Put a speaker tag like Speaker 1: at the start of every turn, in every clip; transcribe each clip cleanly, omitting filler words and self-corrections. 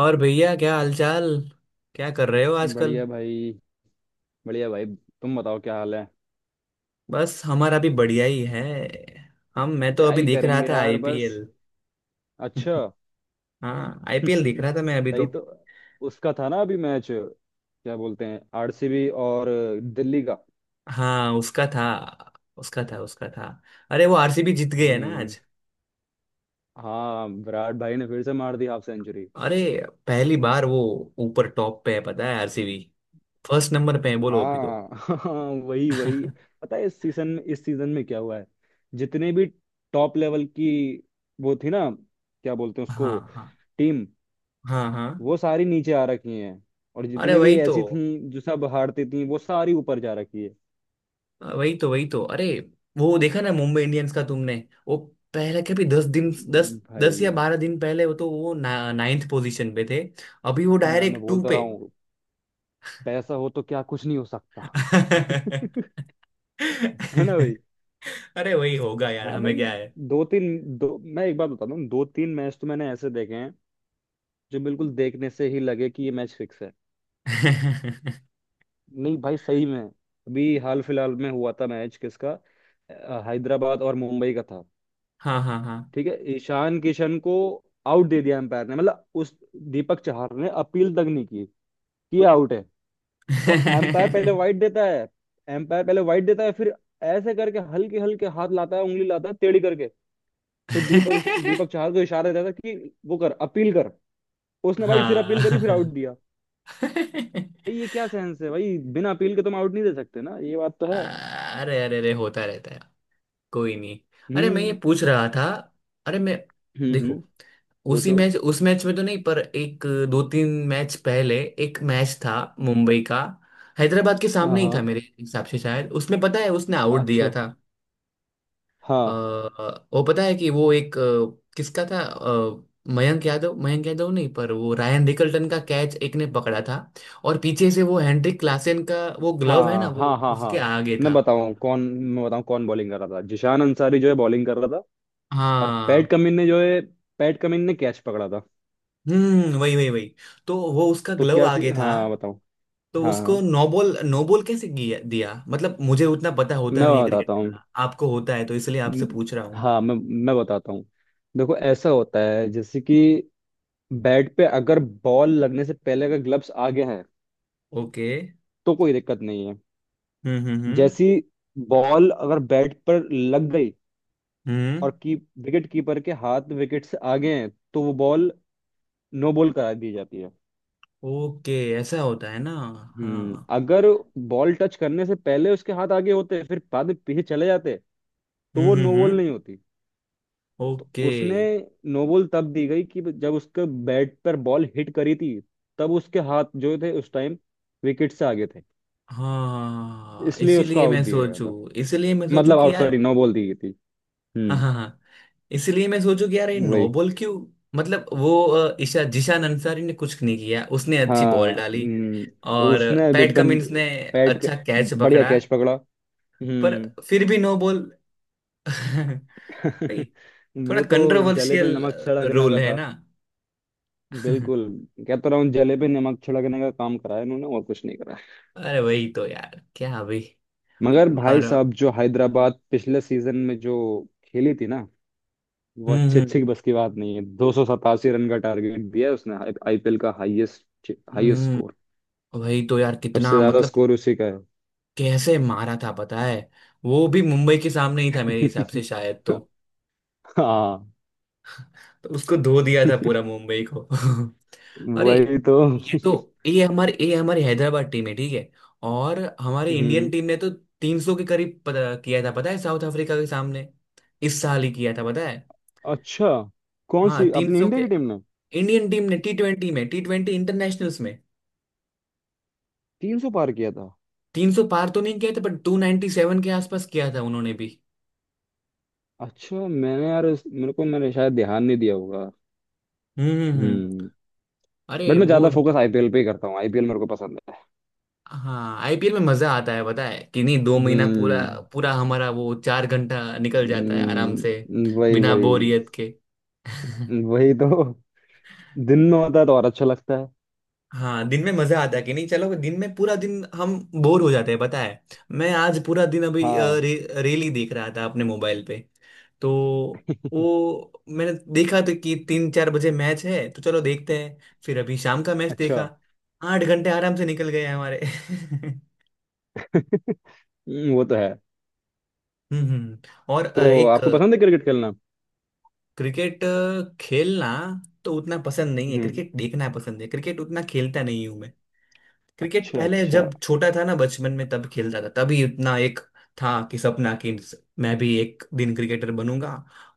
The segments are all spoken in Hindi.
Speaker 1: और भैया क्या हालचाल? क्या कर रहे हो आजकल?
Speaker 2: बढ़िया भाई। बढ़िया भाई, तुम बताओ क्या हाल है।
Speaker 1: बस हमारा भी बढ़िया ही है। हम मैं तो
Speaker 2: क्या
Speaker 1: अभी
Speaker 2: ही
Speaker 1: देख रहा
Speaker 2: करेंगे
Speaker 1: था
Speaker 2: यार, बस।
Speaker 1: आईपीएल।
Speaker 2: अच्छा।
Speaker 1: हाँ, आईपीएल देख रहा था मैं अभी तो।
Speaker 2: सही तो। उसका था ना अभी मैच, क्या बोलते हैं, आरसीबी और दिल्ली का।
Speaker 1: हाँ, उसका था। उसका था। अरे वो आरसीबी जीत गई है ना
Speaker 2: हम्म।
Speaker 1: आज।
Speaker 2: हाँ, विराट भाई ने फिर से मार दी हाफ सेंचुरी।
Speaker 1: अरे पहली बार वो ऊपर टॉप पे है, पता है? आरसीबी फर्स्ट नंबर पे है, बोलो अभी तो।
Speaker 2: हाँ, हाँ, वही वही।
Speaker 1: हाँ,
Speaker 2: पता है इस सीजन में क्या हुआ है। जितने भी टॉप लेवल की वो थी ना, क्या बोलते हैं उसको,
Speaker 1: हाँ
Speaker 2: टीम,
Speaker 1: हाँ हाँ।
Speaker 2: वो सारी नीचे आ रखी हैं। और
Speaker 1: अरे
Speaker 2: जितने भी
Speaker 1: वही तो।
Speaker 2: ऐसी थी जो सब हारती थी, वो सारी ऊपर जा रखी है।
Speaker 1: हाँ, वही तो। अरे वो देखा ना मुंबई इंडियंस का तुमने? वो पहले कभी दस दिन, दस दस या
Speaker 2: भाई
Speaker 1: बारह दिन पहले वो तो नाइन्थ पोजीशन पे थे। अभी वो
Speaker 2: मैं
Speaker 1: डायरेक्ट
Speaker 2: बोल
Speaker 1: टू
Speaker 2: तो
Speaker 1: पे।
Speaker 2: रहा हूँ। पैसा हो तो क्या कुछ नहीं हो सकता। है ना भाई।
Speaker 1: अरे वही होगा यार,
Speaker 2: हाँ
Speaker 1: हमें
Speaker 2: भाई।
Speaker 1: क्या है।
Speaker 2: दो तीन दो मैं एक बात बताता हूँ, दो तीन मैच तो मैंने ऐसे देखे हैं जो बिल्कुल देखने से ही लगे कि ये मैच फिक्स है। नहीं भाई, सही में। अभी हाल फिलहाल में हुआ था मैच किसका? हैदराबाद और मुंबई का था।
Speaker 1: हाँ हाँ हाँ।
Speaker 2: ठीक है, ईशान किशन को आउट दे दिया एम्पायर ने, मतलब उस, दीपक चाहर ने अपील तक नहीं की कि आउट है। और एम्पायर पहले वाइड देता है फिर ऐसे करके हल्के हल्के हाथ लाता है, उंगली लाता है टेढ़ी करके। फिर दीपक दीपक चाहर को इशारा देता है कि वो कर अपील कर। उसने भाई फिर अपील करी, फिर आउट
Speaker 1: हाँ।
Speaker 2: दिया। भाई, ये क्या सेंस है भाई? बिना अपील के तुम आउट नहीं दे सकते ना, ये बात तो है।
Speaker 1: अरे अरे अरे, होता रहता है, कोई नहीं। अरे मैं
Speaker 2: हम्म,
Speaker 1: ये पूछ रहा था, अरे मैं,
Speaker 2: हम्म, हम्म।
Speaker 1: देखो, उसी
Speaker 2: पूछो।
Speaker 1: मैच उस मैच में तो नहीं पर एक, दो तीन मैच पहले एक मैच था मुंबई का, हैदराबाद के
Speaker 2: हाँ,
Speaker 1: सामने ही था
Speaker 2: हाँ,
Speaker 1: मेरे हिसाब से शायद। उसमें पता है उसने आउट दिया
Speaker 2: अच्छा।
Speaker 1: था अ,
Speaker 2: हाँ।
Speaker 1: वो, पता है कि वो एक, किसका था, मयंक यादव नहीं पर वो रायन रिकल्टन का कैच एक ने पकड़ा था और पीछे से वो हेंड्रिक क्लासेन का वो ग्लव है ना,
Speaker 2: हाँ,
Speaker 1: वो
Speaker 2: हाँ, हाँ, हाँ।
Speaker 1: उसके आगे था।
Speaker 2: मैं बताऊँ कौन बॉलिंग कर रहा था, जिशान अंसारी जो है बॉलिंग कर रहा था। और
Speaker 1: हाँ,
Speaker 2: पैट कमिंस ने कैच पकड़ा था।
Speaker 1: वही वही वही। तो वो उसका ग्लव आगे था,
Speaker 2: हाँ, बताऊँ।
Speaker 1: तो
Speaker 2: हाँ
Speaker 1: उसको
Speaker 2: हाँ,
Speaker 1: नोबॉल, दिया? मतलब मुझे उतना पता होता
Speaker 2: मैं
Speaker 1: नहीं है
Speaker 2: बताता
Speaker 1: क्रिकेट
Speaker 2: हूँ।
Speaker 1: का। आपको होता है तो इसलिए आपसे
Speaker 2: म-
Speaker 1: पूछ रहा हूँ।
Speaker 2: हाँ, मैं बताता हूँ। देखो, ऐसा होता है जैसे कि बैट पे अगर बॉल लगने से पहले अगर ग्लव्स आगे हैं,
Speaker 1: ओके।
Speaker 2: तो कोई दिक्कत नहीं है।
Speaker 1: हम्म हम्म हम्म
Speaker 2: जैसी बॉल अगर बैट पर लग गई,
Speaker 1: हम्म।
Speaker 2: और की विकेट कीपर के हाथ विकेट से आगे हैं, तो वो बॉल नो बॉल करा दी जाती है।
Speaker 1: ओके। ऐसा होता है ना? हाँ।
Speaker 2: अगर बॉल टच करने से पहले उसके हाथ आगे होते, फिर बाद में पीछे चले जाते, तो
Speaker 1: हम्म
Speaker 2: वो
Speaker 1: हम्म
Speaker 2: नो बॉल
Speaker 1: हम्म
Speaker 2: नहीं होती। तो
Speaker 1: ओके।
Speaker 2: उसने, नो बॉल तब दी गई कि जब उसके बैट पर बॉल हिट करी थी, तब उसके हाथ जो थे उस टाइम विकेट से आगे थे।
Speaker 1: हाँ हाँ, हाँ, हाँ, हाँ।
Speaker 2: इसलिए उसको आउट दिया गया था,
Speaker 1: इसीलिए मैं सोचू
Speaker 2: मतलब
Speaker 1: कि
Speaker 2: आउट,
Speaker 1: यार,
Speaker 2: सॉरी नो बॉल दी गई थी।
Speaker 1: हाँ
Speaker 2: हम्म।
Speaker 1: हाँ हाँ, इसलिए मैं सोचू कि यार ये
Speaker 2: वही।
Speaker 1: नोबल क्यों? मतलब वो ईशा जिशान अंसारी ने कुछ नहीं किया, उसने अच्छी
Speaker 2: हाँ,
Speaker 1: बॉल डाली
Speaker 2: हम्म।
Speaker 1: और
Speaker 2: उसने अब
Speaker 1: पैट
Speaker 2: एकदम
Speaker 1: कमिंस ने
Speaker 2: पैट क-
Speaker 1: अच्छा कैच
Speaker 2: बढ़िया
Speaker 1: पकड़ा,
Speaker 2: कैच पकड़ा।
Speaker 1: पर
Speaker 2: हम्म।
Speaker 1: फिर भी नो बॉल। भाई, थोड़ा
Speaker 2: वो तो जले पे
Speaker 1: कंट्रोवर्शियल
Speaker 2: नमक छिड़कने का
Speaker 1: रूल है
Speaker 2: था।
Speaker 1: ना।
Speaker 2: बिल्कुल। कहता रहा हूँ, जले पे नमक छिड़कने का काम करा है इन्होंने, और कुछ नहीं करा है।
Speaker 1: अरे वही तो यार। क्या अभी।
Speaker 2: मगर भाई
Speaker 1: और।
Speaker 2: साहब, जो हैदराबाद पिछले सीजन में जो खेली थी ना, वो
Speaker 1: हम्म
Speaker 2: अच्छे अच्छे
Speaker 1: हम्म
Speaker 2: की बस की बात नहीं है। 287 रन का टारगेट दिया है उसने। आईपीएल का हाईएस्ट हाईएस्ट
Speaker 1: हम्म,
Speaker 2: स्कोर।
Speaker 1: वही तो यार।
Speaker 2: सबसे
Speaker 1: कितना
Speaker 2: ज्यादा
Speaker 1: मतलब
Speaker 2: स्कोर उसी का है।
Speaker 1: कैसे मारा था, पता है? वो भी मुंबई के सामने ही था मेरे हिसाब से शायद। तो
Speaker 2: हाँ।
Speaker 1: उसको धो दिया था पूरा मुंबई को। अरे
Speaker 2: वही तो।
Speaker 1: ये तो, ये हमारी हैदराबाद टीम है, ठीक है? और हमारी इंडियन
Speaker 2: हम्म।
Speaker 1: टीम ने तो 300 के करीब किया था, पता है, साउथ अफ्रीका के सामने। इस साल ही किया था पता है।
Speaker 2: अच्छा। कौन
Speaker 1: हाँ,
Speaker 2: सी अपनी
Speaker 1: 300
Speaker 2: इंडिया
Speaker 1: के,
Speaker 2: की टीम ने
Speaker 1: इंडियन टीम ने टी ट्वेंटी इंटरनेशनल्स में
Speaker 2: 300 पार किया था?
Speaker 1: 300 पार तो नहीं किया था पर 297 के आसपास किया था उन्होंने भी।
Speaker 2: अच्छा, मैंने यार मेरे को मैंने शायद ध्यान नहीं दिया होगा।
Speaker 1: हम्म।
Speaker 2: हम्म।
Speaker 1: अरे
Speaker 2: बट मैं
Speaker 1: वो
Speaker 2: ज्यादा फोकस आईपीएल पे ही करता हूँ, आईपीएल मेरे को पसंद है।
Speaker 1: हाँ, आईपीएल में मजा आता है, पता है कि नहीं? दो महीना पूरा,
Speaker 2: हम्म,
Speaker 1: पूरा हमारा वो चार घंटा निकल जाता है आराम से,
Speaker 2: वही
Speaker 1: बिना
Speaker 2: वही।
Speaker 1: बोरियत के।
Speaker 2: वही तो दिन में होता है तो और अच्छा लगता है।
Speaker 1: हाँ, दिन में मजा आता है कि नहीं। चलो, दिन में पूरा दिन हम बोर हो जाते हैं पता है। मैं आज पूरा दिन अभी
Speaker 2: हाँ,
Speaker 1: रेली देख रहा था अपने मोबाइल पे। तो वो मैंने देखा तो कि तीन चार बजे मैच है, तो चलो देखते हैं। फिर अभी शाम का मैच
Speaker 2: अच्छा।
Speaker 1: देखा, आठ घंटे आराम से निकल गए हमारे।
Speaker 2: वो तो है।
Speaker 1: हम्म। और
Speaker 2: तो
Speaker 1: एक,
Speaker 2: आपको पसंद है क्रिकेट खेलना?
Speaker 1: क्रिकेट खेलना तो उतना पसंद नहीं है,
Speaker 2: हम्म।
Speaker 1: क्रिकेट देखना पसंद है, क्रिकेट उतना खेलता नहीं हूं मैं। क्रिकेट
Speaker 2: अच्छा
Speaker 1: पहले
Speaker 2: अच्छा।
Speaker 1: जब छोटा था ना बचपन में तब खेलता था, तभी उतना एक था कि, सपना कि मैं भी एक दिन क्रिकेटर बनूंगा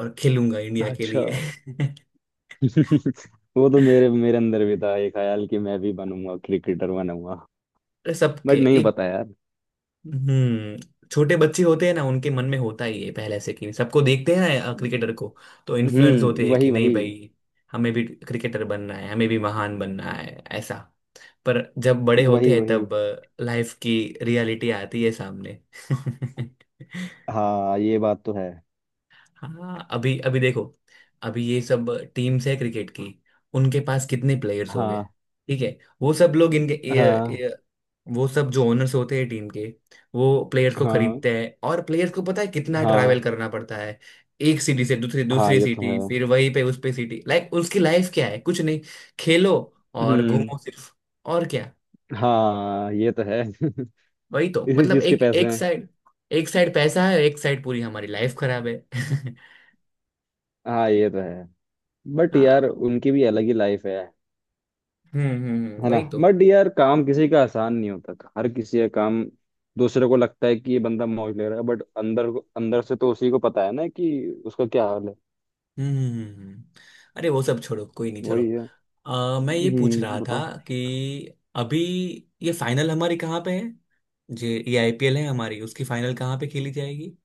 Speaker 1: और खेलूंगा इंडिया के
Speaker 2: अच्छा।
Speaker 1: लिए।
Speaker 2: वो तो मेरे मेरे अंदर भी था ये ख्याल कि मैं भी बनूंगा क्रिकेटर बनूंगा।
Speaker 1: सबके
Speaker 2: बट नहीं
Speaker 1: एक,
Speaker 2: पता यार।
Speaker 1: हम्म, छोटे बच्चे होते हैं ना, उनके मन में होता ही है पहले से कि सबको देखते हैं ना क्रिकेटर
Speaker 2: हम्म।
Speaker 1: को, तो इन्फ्लुएंस होते हैं कि
Speaker 2: वही
Speaker 1: नहीं
Speaker 2: वही।
Speaker 1: भाई, हमें भी क्रिकेटर बनना है, हमें भी महान बनना है, ऐसा। पर जब बड़े होते
Speaker 2: वही
Speaker 1: हैं
Speaker 2: वही।
Speaker 1: तब लाइफ की रियलिटी आती है सामने।
Speaker 2: हाँ, ये बात तो है।
Speaker 1: हाँ, अभी अभी देखो, अभी ये सब टीम्स है क्रिकेट की, उनके पास कितने प्लेयर्स हो गए,
Speaker 2: हाँ,
Speaker 1: ठीक है? वो सब लोग इनके
Speaker 2: हाँ,
Speaker 1: वो सब जो ओनर्स होते हैं टीम के, वो प्लेयर्स को
Speaker 2: हाँ,
Speaker 1: खरीदते हैं और प्लेयर्स को पता है कितना ट्रैवल
Speaker 2: हाँ,
Speaker 1: करना पड़ता है। एक सिटी से दूसरी
Speaker 2: हाँ,
Speaker 1: दूसरी
Speaker 2: ये तो है।
Speaker 1: सिटी, फिर वहीं पे उस पे सिटी, लाइक उसकी लाइफ क्या है, कुछ नहीं, खेलो और
Speaker 2: हम्म।
Speaker 1: घूमो सिर्फ, और क्या।
Speaker 2: हाँ, ये तो है।
Speaker 1: वही तो,
Speaker 2: इसी
Speaker 1: मतलब
Speaker 2: चीज के
Speaker 1: एक,
Speaker 2: पैसे
Speaker 1: एक
Speaker 2: हैं।
Speaker 1: साइड, एक साइड पैसा है, एक साइड पूरी हमारी लाइफ खराब है।
Speaker 2: हाँ, ये तो है। बट यार
Speaker 1: हाँ,
Speaker 2: उनकी भी अलग ही लाइफ है। है ना,
Speaker 1: वही तो।
Speaker 2: बट यार काम किसी का आसान नहीं होता। हर किसी का काम, दूसरे को लगता है कि ये बंदा मौज ले रहा है, बट अंदर अंदर से तो उसी को पता है ना कि उसका क्या हाल है।
Speaker 1: हम्म हम्म, हम्म। अरे वो सब छोड़ो, कोई नहीं, चलो,
Speaker 2: वही है।
Speaker 1: मैं ये पूछ
Speaker 2: हम्म,
Speaker 1: रहा था
Speaker 2: बताओ।
Speaker 1: कि अभी ये फाइनल हमारी कहाँ पे है, जे ये आईपीएल है हमारी, उसकी फाइनल कहाँ पे खेली जाएगी?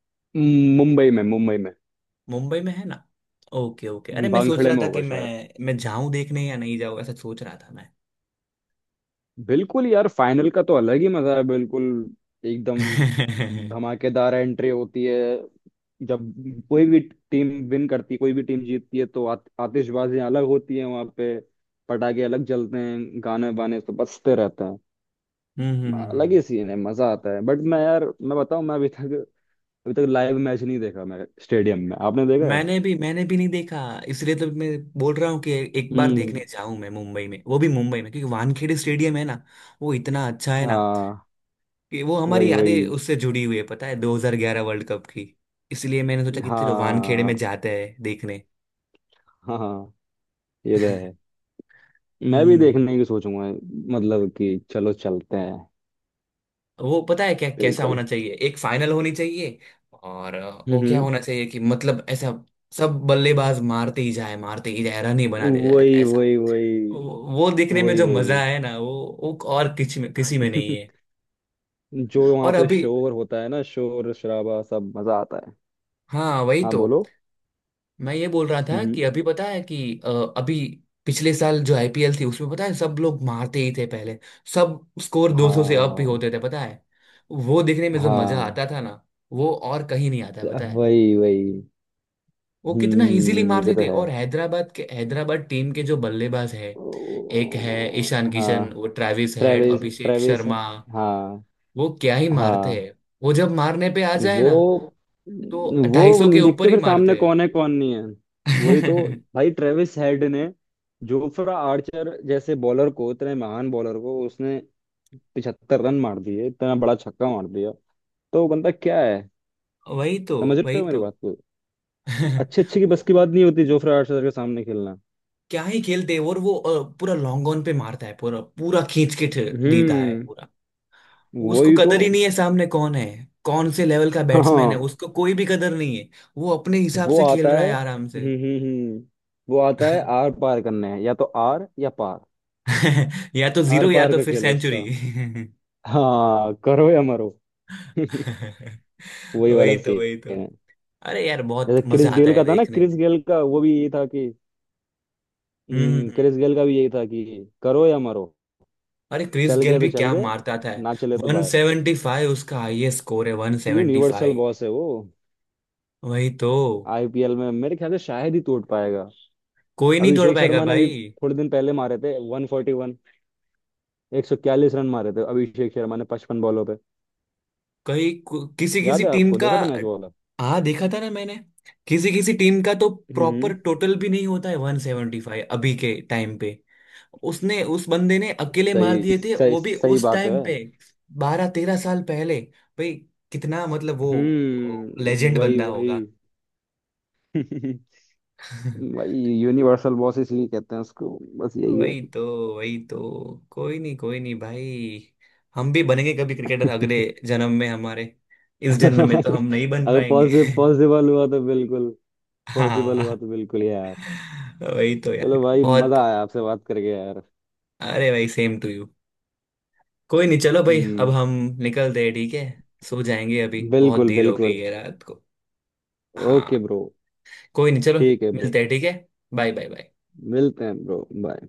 Speaker 2: मुंबई में, मुंबई में।
Speaker 1: मुंबई में है ना? Okay okay. अरे मैं सोच
Speaker 2: भांखड़े
Speaker 1: रहा
Speaker 2: में
Speaker 1: था कि
Speaker 2: होगा
Speaker 1: मैं
Speaker 2: शायद।
Speaker 1: मैं जाऊं देखने या नहीं जाऊं, ऐसा सोच रहा था मैं।
Speaker 2: बिल्कुल यार, फाइनल का तो अलग ही मजा है। बिल्कुल एकदम
Speaker 1: हम्म
Speaker 2: धमाकेदार एंट्री होती है। जब कोई भी टीम विन करती है, कोई भी टीम जीतती है, तो आतिशबाजी अलग होती है वहां पे। पटाखे अलग जलते हैं, गाने वाने तो बजते रहते हैं।
Speaker 1: हम्म हम्म,
Speaker 2: अलग
Speaker 1: हम्म।
Speaker 2: ही सीन है, मजा आता है। बट मैं यार, मैं बताऊं, मैं अभी तक लाइव मैच नहीं देखा मैं स्टेडियम में। आपने देखा है?
Speaker 1: मैंने भी नहीं देखा, इसलिए तो मैं बोल रहा हूँ कि एक बार
Speaker 2: हम्म।
Speaker 1: देखने जाऊं मैं मुंबई में, वो भी मुंबई में क्योंकि वानखेड़े स्टेडियम है ना, वो इतना अच्छा है ना
Speaker 2: हाँ,
Speaker 1: कि वो हमारी
Speaker 2: वही वही।
Speaker 1: यादें उससे जुड़ी हुई है, पता है, 2011 वर्ल्ड कप की। इसलिए मैंने सोचा कि चलो वानखेड़े में
Speaker 2: हाँ,
Speaker 1: जाते हैं देखने।
Speaker 2: हाँ, हाँ, ये तो है। मैं भी
Speaker 1: हम्म।
Speaker 2: देखने की सोचूंगा, मतलब कि चलो चलते हैं।
Speaker 1: वो पता है क्या कैसा
Speaker 2: बिल्कुल।
Speaker 1: होना चाहिए, एक फाइनल होनी चाहिए और वो क्या
Speaker 2: हम्म।
Speaker 1: होना चाहिए कि मतलब ऐसा, सब बल्लेबाज मारते ही जाए, मारते ही जाए, रन ही बनाते जाए।
Speaker 2: वही वही। वही
Speaker 1: वो देखने में
Speaker 2: वही।
Speaker 1: जो मजा
Speaker 2: वही।
Speaker 1: है ना, वो और किसी में, नहीं है।
Speaker 2: जो वहाँ
Speaker 1: और
Speaker 2: पे
Speaker 1: अभी,
Speaker 2: शोर होता है ना, शोर शराबा, सब मजा आता है।
Speaker 1: हाँ वही
Speaker 2: हाँ,
Speaker 1: तो,
Speaker 2: बोलो।
Speaker 1: मैं ये बोल रहा था
Speaker 2: हम्म।
Speaker 1: कि अभी पता है कि, अ, अभी पिछले साल जो आईपीएल थी उसमें पता है सब लोग मारते ही थे पहले, सब स्कोर 200 से अप भी
Speaker 2: हाँ,
Speaker 1: होते थे, पता है। वो देखने में जो मजा
Speaker 2: हाँ,
Speaker 1: आता था ना, वो और कहीं नहीं आता है पता है।
Speaker 2: वही वही।
Speaker 1: वो कितना इजीली
Speaker 2: हम्म, ये
Speaker 1: मारते
Speaker 2: तो
Speaker 1: थे।
Speaker 2: है।
Speaker 1: और हैदराबाद के, हैदराबाद टीम के जो बल्लेबाज है, एक है
Speaker 2: ओ,
Speaker 1: ईशान
Speaker 2: हाँ।
Speaker 1: किशन, वो Travis Head,
Speaker 2: Travis,
Speaker 1: Abhishek
Speaker 2: Travis.
Speaker 1: Sharma,
Speaker 2: हाँ,
Speaker 1: वो क्या ही मारते
Speaker 2: हाँ।
Speaker 1: हैं। वो जब मारने पे आ जाए
Speaker 2: वो।
Speaker 1: ना, तो ढाई
Speaker 2: वो
Speaker 1: सौ के
Speaker 2: नहीं
Speaker 1: ऊपर
Speaker 2: देखते
Speaker 1: ही
Speaker 2: फिर सामने
Speaker 1: मारते
Speaker 2: कौन है कौन नहीं है। वही तो।
Speaker 1: हैं।
Speaker 2: भाई, ट्रेविस हेड ने जोफ्रा आर्चर जैसे बॉलर को, इतने महान बॉलर को, उसने 75 रन मार दिए, इतना बड़ा छक्का मार दिया। तो बंदा क्या है?
Speaker 1: वही तो,
Speaker 2: समझ रहे
Speaker 1: वही
Speaker 2: हो मेरी
Speaker 1: तो।
Speaker 2: बात को? अच्छे अच्छे की बस की
Speaker 1: वो
Speaker 2: बात नहीं होती जोफ्रा आर्चर के सामने खेलना।
Speaker 1: क्या ही खेलते हैं। और वो पूरा लॉन्ग ऑन पे मारता है पूरा, देता है
Speaker 2: हम्म,
Speaker 1: पूरा। उसको
Speaker 2: वही तो।
Speaker 1: कदर ही नहीं है सामने कौन है, कौन से लेवल का बैट्समैन है,
Speaker 2: हाँ,
Speaker 1: उसको कोई भी कदर नहीं है। वो अपने हिसाब
Speaker 2: वो
Speaker 1: से
Speaker 2: आता
Speaker 1: खेल रहा है
Speaker 2: है।
Speaker 1: आराम से।
Speaker 2: हम्म, हम्म, हम्म। वो आता है आर पार करने, या तो आर या पार।
Speaker 1: या तो
Speaker 2: आर
Speaker 1: जीरो, या
Speaker 2: पार
Speaker 1: तो
Speaker 2: का
Speaker 1: फिर
Speaker 2: खेल है
Speaker 1: सेंचुरी।
Speaker 2: उसका। हाँ, करो या मरो। वही
Speaker 1: वही
Speaker 2: वाला
Speaker 1: तो,
Speaker 2: सीन
Speaker 1: वही तो।
Speaker 2: है।
Speaker 1: अरे यार बहुत
Speaker 2: जैसे
Speaker 1: मजा
Speaker 2: क्रिस
Speaker 1: आता
Speaker 2: गेल
Speaker 1: है
Speaker 2: का था ना,
Speaker 1: देखने
Speaker 2: क्रिस
Speaker 1: में।
Speaker 2: गेल का वो भी यही था कि,
Speaker 1: हम्म हम्म।
Speaker 2: क्रिस गेल का भी यही था कि करो या मरो।
Speaker 1: अरे क्रिस
Speaker 2: चल
Speaker 1: गेल
Speaker 2: गए
Speaker 1: भी
Speaker 2: तो चल
Speaker 1: क्या
Speaker 2: गए,
Speaker 1: मारता था।
Speaker 2: ना चले तो बाय।
Speaker 1: 175 उसका हाईएस्ट स्कोर है,
Speaker 2: ये यूनिवर्सल
Speaker 1: 175,
Speaker 2: बॉस है वो।
Speaker 1: वही तो।
Speaker 2: आईपीएल में मेरे ख्याल से शायद ही तोड़ पाएगा।
Speaker 1: कोई नहीं तोड़
Speaker 2: अभिषेक
Speaker 1: पाएगा
Speaker 2: शर्मा ने अभी
Speaker 1: भाई।
Speaker 2: थोड़े दिन पहले मारे थे 141, 141 रन मारे थे अभिषेक शर्मा ने 55 बॉलों पे।
Speaker 1: कहीं किसी, किसी
Speaker 2: याद है
Speaker 1: टीम
Speaker 2: आपको?
Speaker 1: का
Speaker 2: देखा था मैच वो वाला।
Speaker 1: हाँ देखा था ना मैंने। किसी, किसी टीम का तो प्रॉपर
Speaker 2: हम्म,
Speaker 1: टोटल भी नहीं होता है, 175 अभी के टाइम पे। उसने, उस बंदे ने अकेले मार
Speaker 2: सही
Speaker 1: दिए थे
Speaker 2: सही
Speaker 1: वो भी,
Speaker 2: सही
Speaker 1: उस
Speaker 2: बात है।
Speaker 1: टाइम पे, 12 13 साल पहले। भाई कितना मतलब वो
Speaker 2: हम्म,
Speaker 1: लेजेंड
Speaker 2: वही
Speaker 1: बंदा
Speaker 2: वही।
Speaker 1: होगा।
Speaker 2: भाई, यूनिवर्सल बॉस इसलिए कहते हैं उसको, बस यही है।
Speaker 1: वही तो, वही तो। कोई नहीं, कोई नहीं भाई। हम भी बनेंगे कभी क्रिकेटर, अगले जन्म में हमारे। इस जन्म में तो हम नहीं बन
Speaker 2: अगर
Speaker 1: पाएंगे।
Speaker 2: पॉसिबल पॉसिबल हुआ तो बिल्कुल, पॉसिबल हुआ
Speaker 1: हाँ,
Speaker 2: तो बिल्कुल यार।
Speaker 1: वही तो यार
Speaker 2: चलो भाई, मजा
Speaker 1: बहुत।
Speaker 2: आया आपसे बात करके यार।
Speaker 1: अरे भाई, सेम टू यू, कोई नहीं, चलो भाई, अब
Speaker 2: हम्म।
Speaker 1: हम निकलते हैं, ठीक है। सो जाएंगे अभी, बहुत
Speaker 2: बिल्कुल
Speaker 1: देर हो गई
Speaker 2: बिल्कुल।
Speaker 1: है रात को।
Speaker 2: ओके
Speaker 1: हाँ,
Speaker 2: ब्रो।
Speaker 1: कोई नहीं, चलो,
Speaker 2: ठीक है ब्रो।
Speaker 1: मिलते हैं, ठीक है। Bye, bye, bye.
Speaker 2: मिलते हैं ब्रो। बाय।